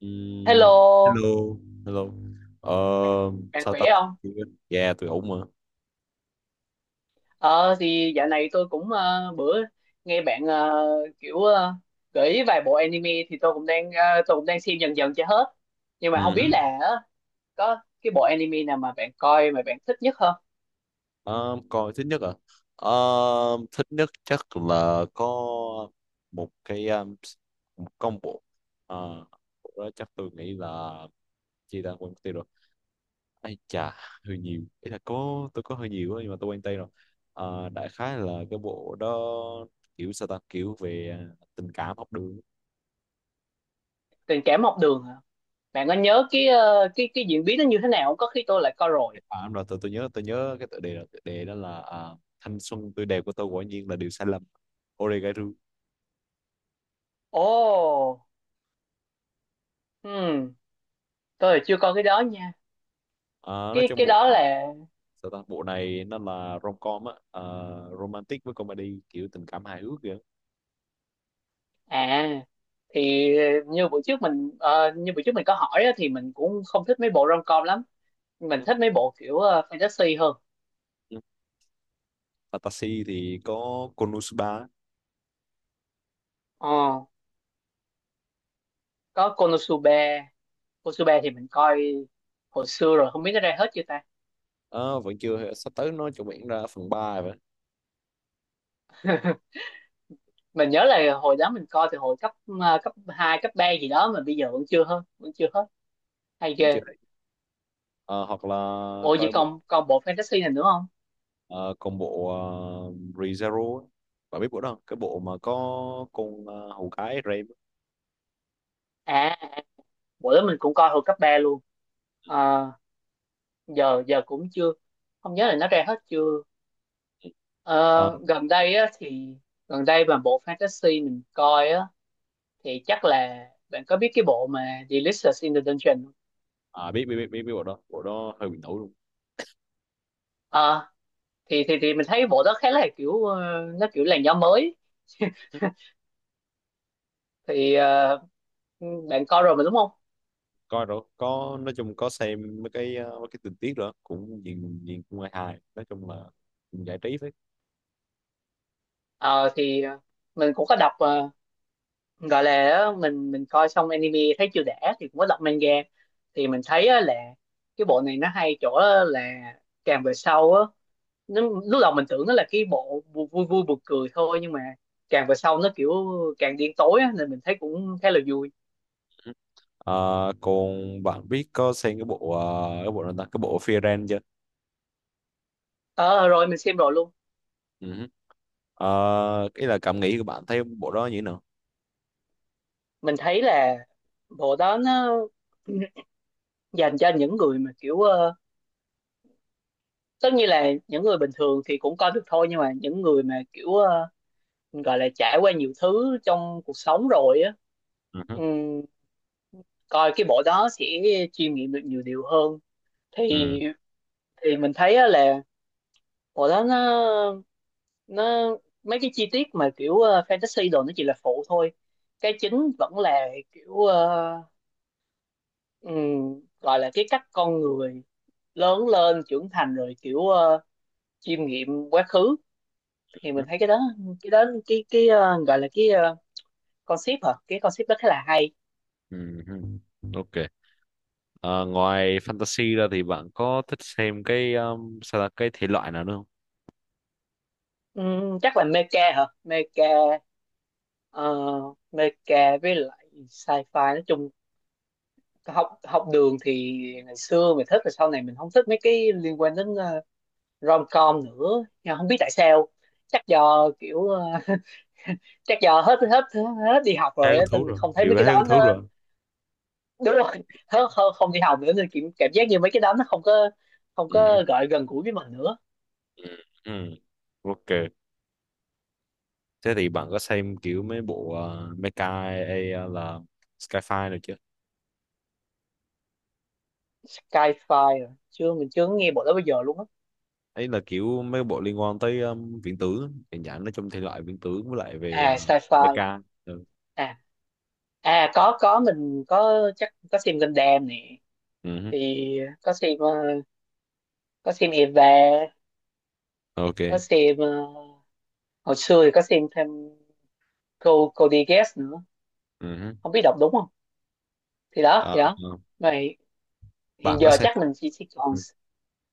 Ừm, Hello, Hello. Hello. ờ, bạn, bạn Sao khỏe ta, không? yeah, tôi ổn mà. Ờ thì dạo này tôi cũng bữa nghe bạn kiểu gợi ý vài bộ anime thì tôi cũng đang xem dần dần cho hết. Nhưng mà không Ừ hứ. biết là có cái bộ anime nào mà bạn coi mà bạn thích nhất không? Ờ, Coi thích nhất à? Ờ, Thích nhất chắc là có một cái, một combo. Ờ, Bộ đó chắc tôi nghĩ là, chi ta, quên mất tiêu rồi. Ai chà, hơi nhiều, ý là có, tôi có hơi nhiều á, nhưng mà tôi quên tên rồi. Đại khái là cái bộ đó kiểu, sao ta, kiểu về, à, tình cảm học đường á. Tình cảm học đường hả? Bạn có nhớ cái ờ, cái diễn biến nó như thế nào không? Có khi tôi lại coi rồi. À, đúng rồi, tôi nhớ cái tựa đề là, tựa đề đó là, à, thanh xuân tươi đẹp của tôi quả nhiên là điều sai lầm. Oregairu. Ồ, hmm, tôi là chưa coi cái đó nha. À, nói Cái trong cái bộ đó này, là. sao ta, bộ này nó là rom-com á, à, romantic với comedy, kiểu tình cảm hài hước kìa. À, thì như buổi trước mình có hỏi á, thì mình cũng không thích mấy bộ rom-com lắm. Mình Ừ, thích mấy bộ kiểu fantasy hơn. ừ. Fantasy thì có Konosuba. Ờ, có Konosuba. Konosuba thì mình coi hồi xưa rồi, không biết nó ra hết chưa ta. Ờ, Vẫn chưa, sắp tới nó chuẩn bị ra phần ba vậy. Mình nhớ là hồi đó mình coi từ cấp 2 cấp 3 gì đó mà bây giờ vẫn chưa hết, vẫn chưa hết. Hay Vẫn chưa. ghê. Ờ, Hoặc là Ủa vậy coi bộ, còn còn bộ fantasy này nữa không? ờ, còn bộ, ReZero á. Bạn biết bộ đó không? Cái bộ mà có con, hầu gái Rem. À, bộ đó mình cũng coi hồi cấp 3 luôn. Ờ, giờ giờ cũng chưa, không nhớ là nó ra hết chưa. Ờ, gần đây mà bộ fantasy mình coi á thì chắc là bạn có biết cái bộ mà Delicious in the Dungeon không? À, biết biết biết biết biết bộ đó, bộ đó hơi bị nổi luôn. Ờ, thì mình thấy bộ đó khá là kiểu nó kiểu làn gió mới thì bạn coi rồi mà đúng không? coi rồi, có, nói chung có xem mấy cái, mấy cái tình tiết rồi cũng nhìn nhìn cũng hay, hài, nói chung là cũng giải trí phết. Ờ thì mình cũng có đọc gọi là á, mình coi xong anime thấy chưa đã thì cũng có đọc manga thì mình thấy á là cái bộ này nó hay chỗ á là càng về sau á nó, lúc đầu mình tưởng nó là cái bộ vui vui buồn cười thôi nhưng mà càng về sau nó kiểu càng điên tối á, nên mình thấy cũng khá là vui. à, còn bạn biết có xem cái bộ, cái bộ nào ta, cái bộ Fear chưa? Ờ Rồi mình xem rồi luôn. Ừ. À, cái là cảm nghĩ của bạn thấy bộ đó như thế nào? Mình thấy là bộ đó nó dành cho những người mà kiểu tất nhiên là những người bình thường thì cũng coi được thôi, nhưng mà những người mà kiểu gọi là trải qua nhiều thứ trong cuộc sống rồi á, Ừ. ừm, coi cái bộ đó sẽ chiêm nghiệm được nhiều điều hơn thì Ừ. thì mình thấy á là bộ đó nó mấy cái chi tiết mà kiểu fantasy đồ nó chỉ là phụ thôi, cái chính vẫn là kiểu gọi là cái cách con người lớn lên trưởng thành rồi kiểu chiêm nghiệm quá khứ, thì Ừ. mình thấy cái đó, gọi là concept hả, cái concept đó khá là hay. Ừ. Ừ hứ. Ok. Ờ, Ngoài fantasy ra thì bạn có thích xem cái, sao là cái thể loại nào nữa không? Chắc là mecha hả, mecha ờ, mecha với lại sci-fi nói chung. Học học đường thì ngày xưa mình thích rồi sau này mình không thích mấy cái liên quan đến rom com nữa, nhưng không biết tại sao, chắc do kiểu chắc do hết hết hết đi học Thấy rồi hứng á thú nên rồi, không thấy mấy kiểu cái thấy hứng đó thú nó rồi. đúng rồi, hết không, đi học nữa nên kiểu cảm giác như mấy cái đó nó không có gọi gần gũi với mình nữa. Ừ. Ừ. Ok. Thế thì bạn có xem kiểu mấy bộ, Mecha hay, là Skyfire được chưa? Sci-fi rồi. Chưa, mình chưa nghe bộ đó bây giờ luôn á. Ấy là kiểu mấy bộ liên quan tới, viễn tưởng, hiện dạng nó trong thể loại viễn tưởng với lại về, À sci-fi. Mecha. Ừ. À à có mình có chắc có xem Gundam nè, Ừ hứ. thì có xem ờ, có xem Eva, có Ok. xem hồi xưa thì có xem thêm cô đi nữa, Ừ hứ. không biết đọc đúng không, thì đó Ờ, thì đó ờ. vậy, hiện bạn có giờ xem chắc mình chỉ còn. Ừ.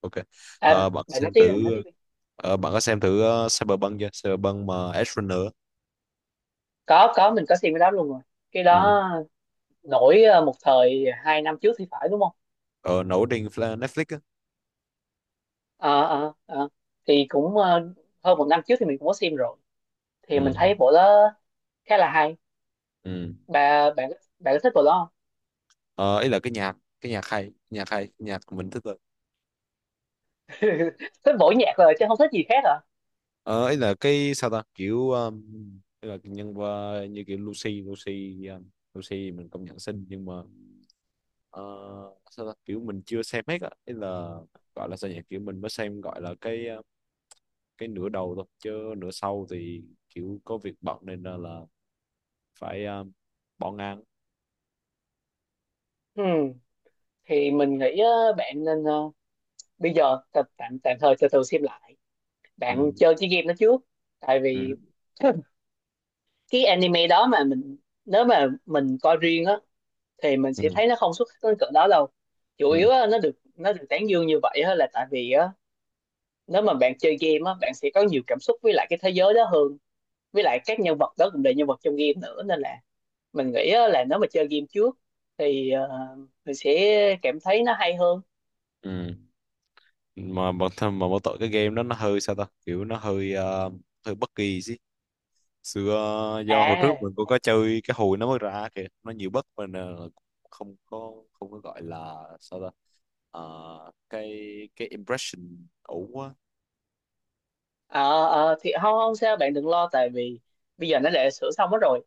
Ok. À, Bạn bạn nói xem tiếp, bạn nói thử, tiếp đi. Bạn có xem thử, Cyberpunk chưa? Cyberpunk mà Edge Runner á. Có, mình có xem cái đó luôn rồi, cái Ừ. đó nổi một thời 2 năm trước thì phải, đúng không? Ờ, Nổi trên Netflix á. ờ ờ ờ. Thì cũng hơn 1 năm trước thì mình cũng có xem rồi, thì mình Ừ. thấy bộ đó khá là hay. Ừ. Bà bạn Bạn có thích bộ đó không? Ờ, Ấy là cái nhạc hay, nhạc hay, nhạc mình thích. Thích bộ nhạc rồi chứ không thích gì khác hả. Ờ Ấy là cái, sao ta, kiểu, ấy là nhân qua như kiểu Lucy Lucy, Lucy mình công nhận xinh nhưng mà, ờ, sao ta, kiểu mình chưa xem hết á. Ấy là gọi là sao nhỉ, kiểu mình mới xem gọi là cái, cái nửa đầu thôi, chứ nửa sau thì kiểu có việc bận nên là phải, bỏ ngang. Ừ. Thì mình nghĩ bạn nên bây giờ tạm tạm tạm thời từ từ xem lại, bạn Ừ, chơi chiếc game nó trước, tại vì ừ, cái anime đó mà mình, nếu mà mình coi riêng á thì mình ừ, sẽ thấy nó không xuất sắc đến cỡ đó đâu. Chủ yếu ừ, á, nó được, nó được tán dương như vậy á, là tại vì á, nếu mà bạn chơi game á, bạn sẽ có nhiều cảm xúc với lại cái thế giới đó hơn, với lại các nhân vật đó cũng là nhân vật trong game nữa nên là mình nghĩ á, là nếu mà chơi game trước thì mình sẽ cảm thấy nó hay hơn. ừ. Mà bản thân mà mỗi tội cái game đó nó hơi, sao ta, kiểu nó hơi, hơi bất kỳ xưa, do hồi trước À, mình cũng có chơi cái hồi nó mới ra kìa, nó nhiều bất mình, uh, không có gọi là, sao ta, Ờ, cái cái impression ủ quá. Ờ, thì không, không sao, bạn đừng lo tại vì bây giờ nó đã sửa xong hết rồi.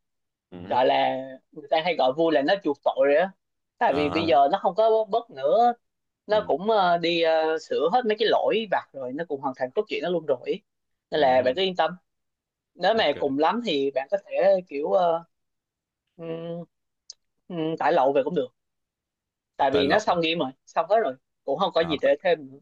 Ừ. Gọi là người ta hay gọi vui là nó chuộc tội rồi á, tại À vì bây ha. giờ nó không có bớt nữa, nó Ừ. cũng đi sửa hết mấy cái lỗi vặt rồi, nó cũng hoàn thành cốt truyện nó luôn rồi ý. Ừ. Nên là bạn cứ yên tâm, nếu mà Ok, cùng lắm thì bạn có thể kiểu ừm, tải lậu về cũng được, tại tải vì nó lậu xong game rồi, xong hết rồi, cũng không có à, gì tại, để thêm nữa.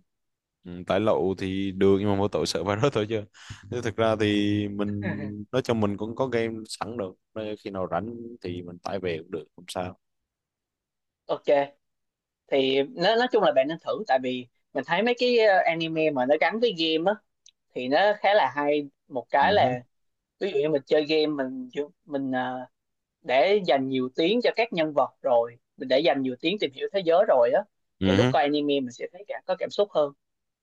ừ, tải lậu thì được nhưng mà mỗi tội sợ virus thôi, chứ chứ thực ra thì mình, nói chung mình cũng có game sẵn được. Nên khi nào rảnh thì mình tải về cũng được, không sao. Ok, thì nó, nói chung là bạn nên thử, tại vì mình thấy mấy cái anime mà nó gắn với game á thì nó khá là hay. Một Ừ cái hứ. là ví dụ như mình chơi game mình, mình ờ, để dành nhiều tiếng cho các nhân vật rồi mình để dành nhiều tiếng tìm hiểu thế giới rồi á, thì lúc Ừ. coi anime mình sẽ thấy cả có cảm xúc hơn.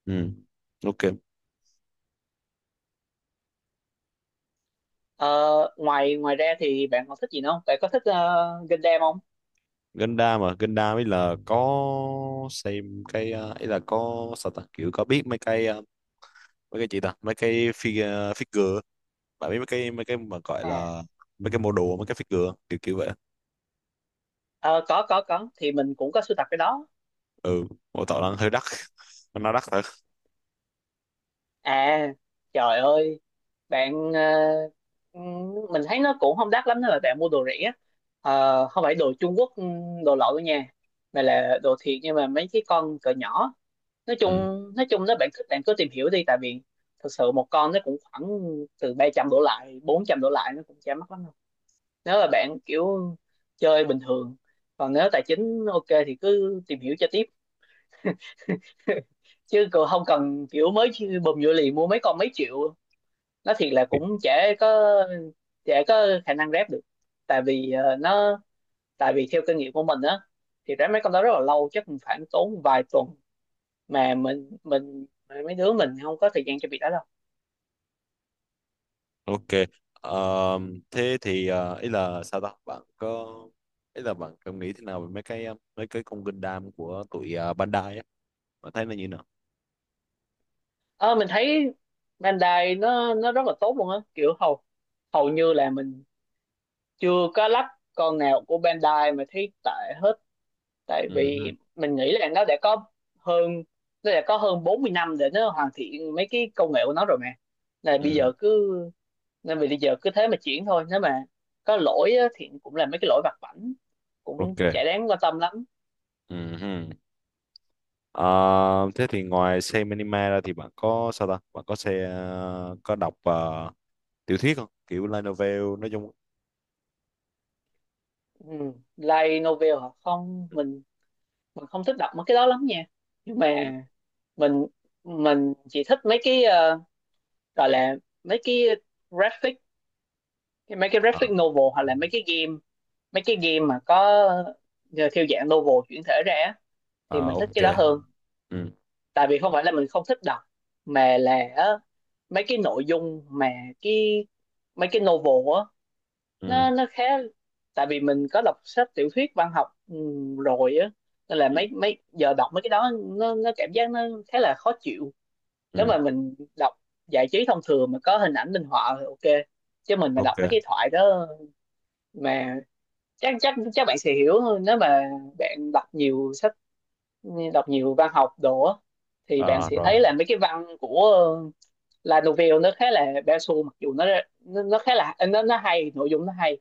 Ừ. Ok. Ờ, ngoài ngoài ra thì bạn còn thích gì nữa không, bạn có thích Gundam không? Gundam mà Gundam, ấy là có xem cái, ấy là có, sao ta, kiểu có biết mấy cái, mấy cái gì ta, mấy cái figure, figure, bạn biết mấy cái mà gọi À, là mấy cái mô đồ, mấy cái figure kiểu kiểu vậy. ờ, có, thì mình cũng có sưu tập cái đó. Ừ. Mô tạo đang hơi đắt, nó đắt thật. À trời ơi, bạn mình thấy nó cũng không đắt lắm nên là bạn mua đồ rẻ. Ờ, không phải đồ Trung Quốc, đồ lậu đâu nha, mà là đồ thiệt nhưng mà mấy cái con cỡ nhỏ. nói chung Ừ. nói chung nếu bạn thích bạn cứ tìm hiểu đi, tại vì thực sự một con nó cũng khoảng từ 300 đổ lại, 400 đổ lại, nó cũng chả mắc lắm đâu, nếu là bạn kiểu chơi bình thường. Còn nếu tài chính ok thì cứ tìm hiểu cho tiếp. Chứ còn không cần kiểu mới bùm vô liền mua mấy con mấy triệu, nó thiệt là cũng chả có, chả có khả năng rep được, tại vì ờ, nó tại vì theo kinh nghiệm của mình á thì rep mấy con đó rất là lâu, chắc cũng phải tốn vài tuần, mà mình mà mấy đứa mình không có thời gian cho việc đó đâu. Ok. Ờ, Thế thì, ý là, sao ta, bạn có, ý là bạn có nghĩ thế nào về mấy cái, mấy cái con Gundam của tụi, Bandai á, bạn thấy nó như nào? Ờ, mình thấy Bandai nó rất là tốt luôn á, kiểu hầu hầu như là mình chưa có lắp con nào của Bandai mà thấy tệ hết, tại Ừ. vì mình nghĩ là hơn nó đã có hơn 40 năm để nó hoàn thiện mấy cái công nghệ của nó rồi mà, là bây Ừ. giờ cứ, nên vì bây giờ cứ thế mà chuyển thôi, nếu mà có lỗi á, thì cũng là mấy cái lỗi vặt vãnh, cũng Ok. chả đáng quan tâm lắm. Ừ. Ờ, Thế thì ngoài xem anime ra thì bạn có, sao ta? Bạn có có đọc, tiểu thuyết không? Kiểu light novel nói chung. Ừ. Light novel hả, không, mình không thích đọc mấy cái đó lắm nha, nhưng Ừ. mà mình mình chỉ thích mấy cái gọi là mấy cái graphic mấy cái Ờ, graphic novel, hoặc là mấy cái game, mấy cái game mà có ờ, theo dạng novel chuyển thể ra á, thì ờ, mình thích ok. cái đó hơn, Ừ, tại vì không phải là mình không thích đọc, mà là mấy cái nội dung mà cái, mấy cái novel á, ừ, nó khá, tại vì mình có đọc sách tiểu thuyết văn học rồi á, nên là ừ, mấy mấy giờ đọc mấy cái đó nó cảm giác nó khá là khó chịu. Nếu mà ừ. mình đọc giải trí thông thường mà có hình ảnh minh họa thì ok, chứ mình mà đọc Ok. mấy cái thoại đó mà chắc chắc chắc bạn sẽ hiểu hơn nếu mà bạn đọc nhiều sách, đọc nhiều văn học đồ á, thì bạn Ờ, sẽ rồi. thấy là mấy cái văn của La Novelle nó khá là bao xu, mặc dù nó nó khá là, nó hay, nội dung nó hay,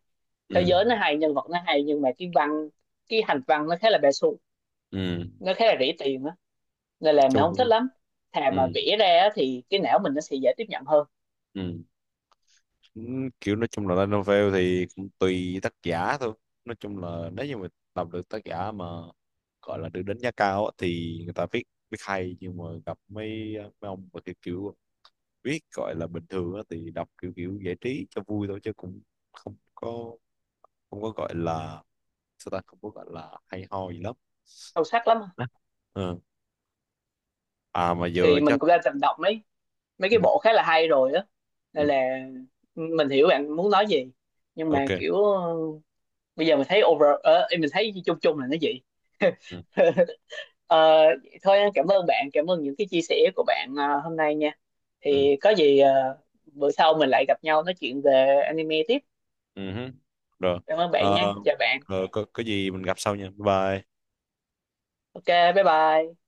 thế Ừ. giới nó hay, nhân vật nó hay, nhưng mà cái văn, cái hành văn nó khá là bao xu, Ừ. Nó khá là rỉ tiền á, nên là mình chung không thích cũng- lắm. Thà mà ừ, vẽ ra á thì cái não mình nó sẽ dễ tiếp nhận hơn, ừ. Ừ, kiểu nói chung là light novel thì cũng tùy tác giả thôi. Nói chung là nếu như mà đọc được tác giả mà gọi là được đánh giá cao á, thì người ta viết viết hay, nhưng mà gặp mấy mấy ông mà kiểu viết gọi là bình thường á, thì đọc kiểu kiểu giải trí cho vui thôi, chứ cũng không có không có gọi là, sao ta, không có gọi là hay ho gì lắm. sâu sắc lắm. Ừ. À mà giờ Thì mình chắc. cũng đã từng đọc mấy mấy Ừ, cái bộ khá là hay rồi á, nên ừ, là mình hiểu bạn muốn nói gì, nhưng mà ok. kiểu bây giờ mình thấy chung chung là nó vậy. Ừ, Ờ, thôi cảm ơn bạn, cảm ơn những cái chia sẻ của bạn hôm nay nha, ừ, thì có gì bữa sau mình lại gặp nhau nói chuyện về anime tiếp. ừ hứ. Rồi. Cảm ơn bạn nha, Ờ, chào bạn. Rồi có gì mình gặp sau nha, bye bye. Ok, bye bye.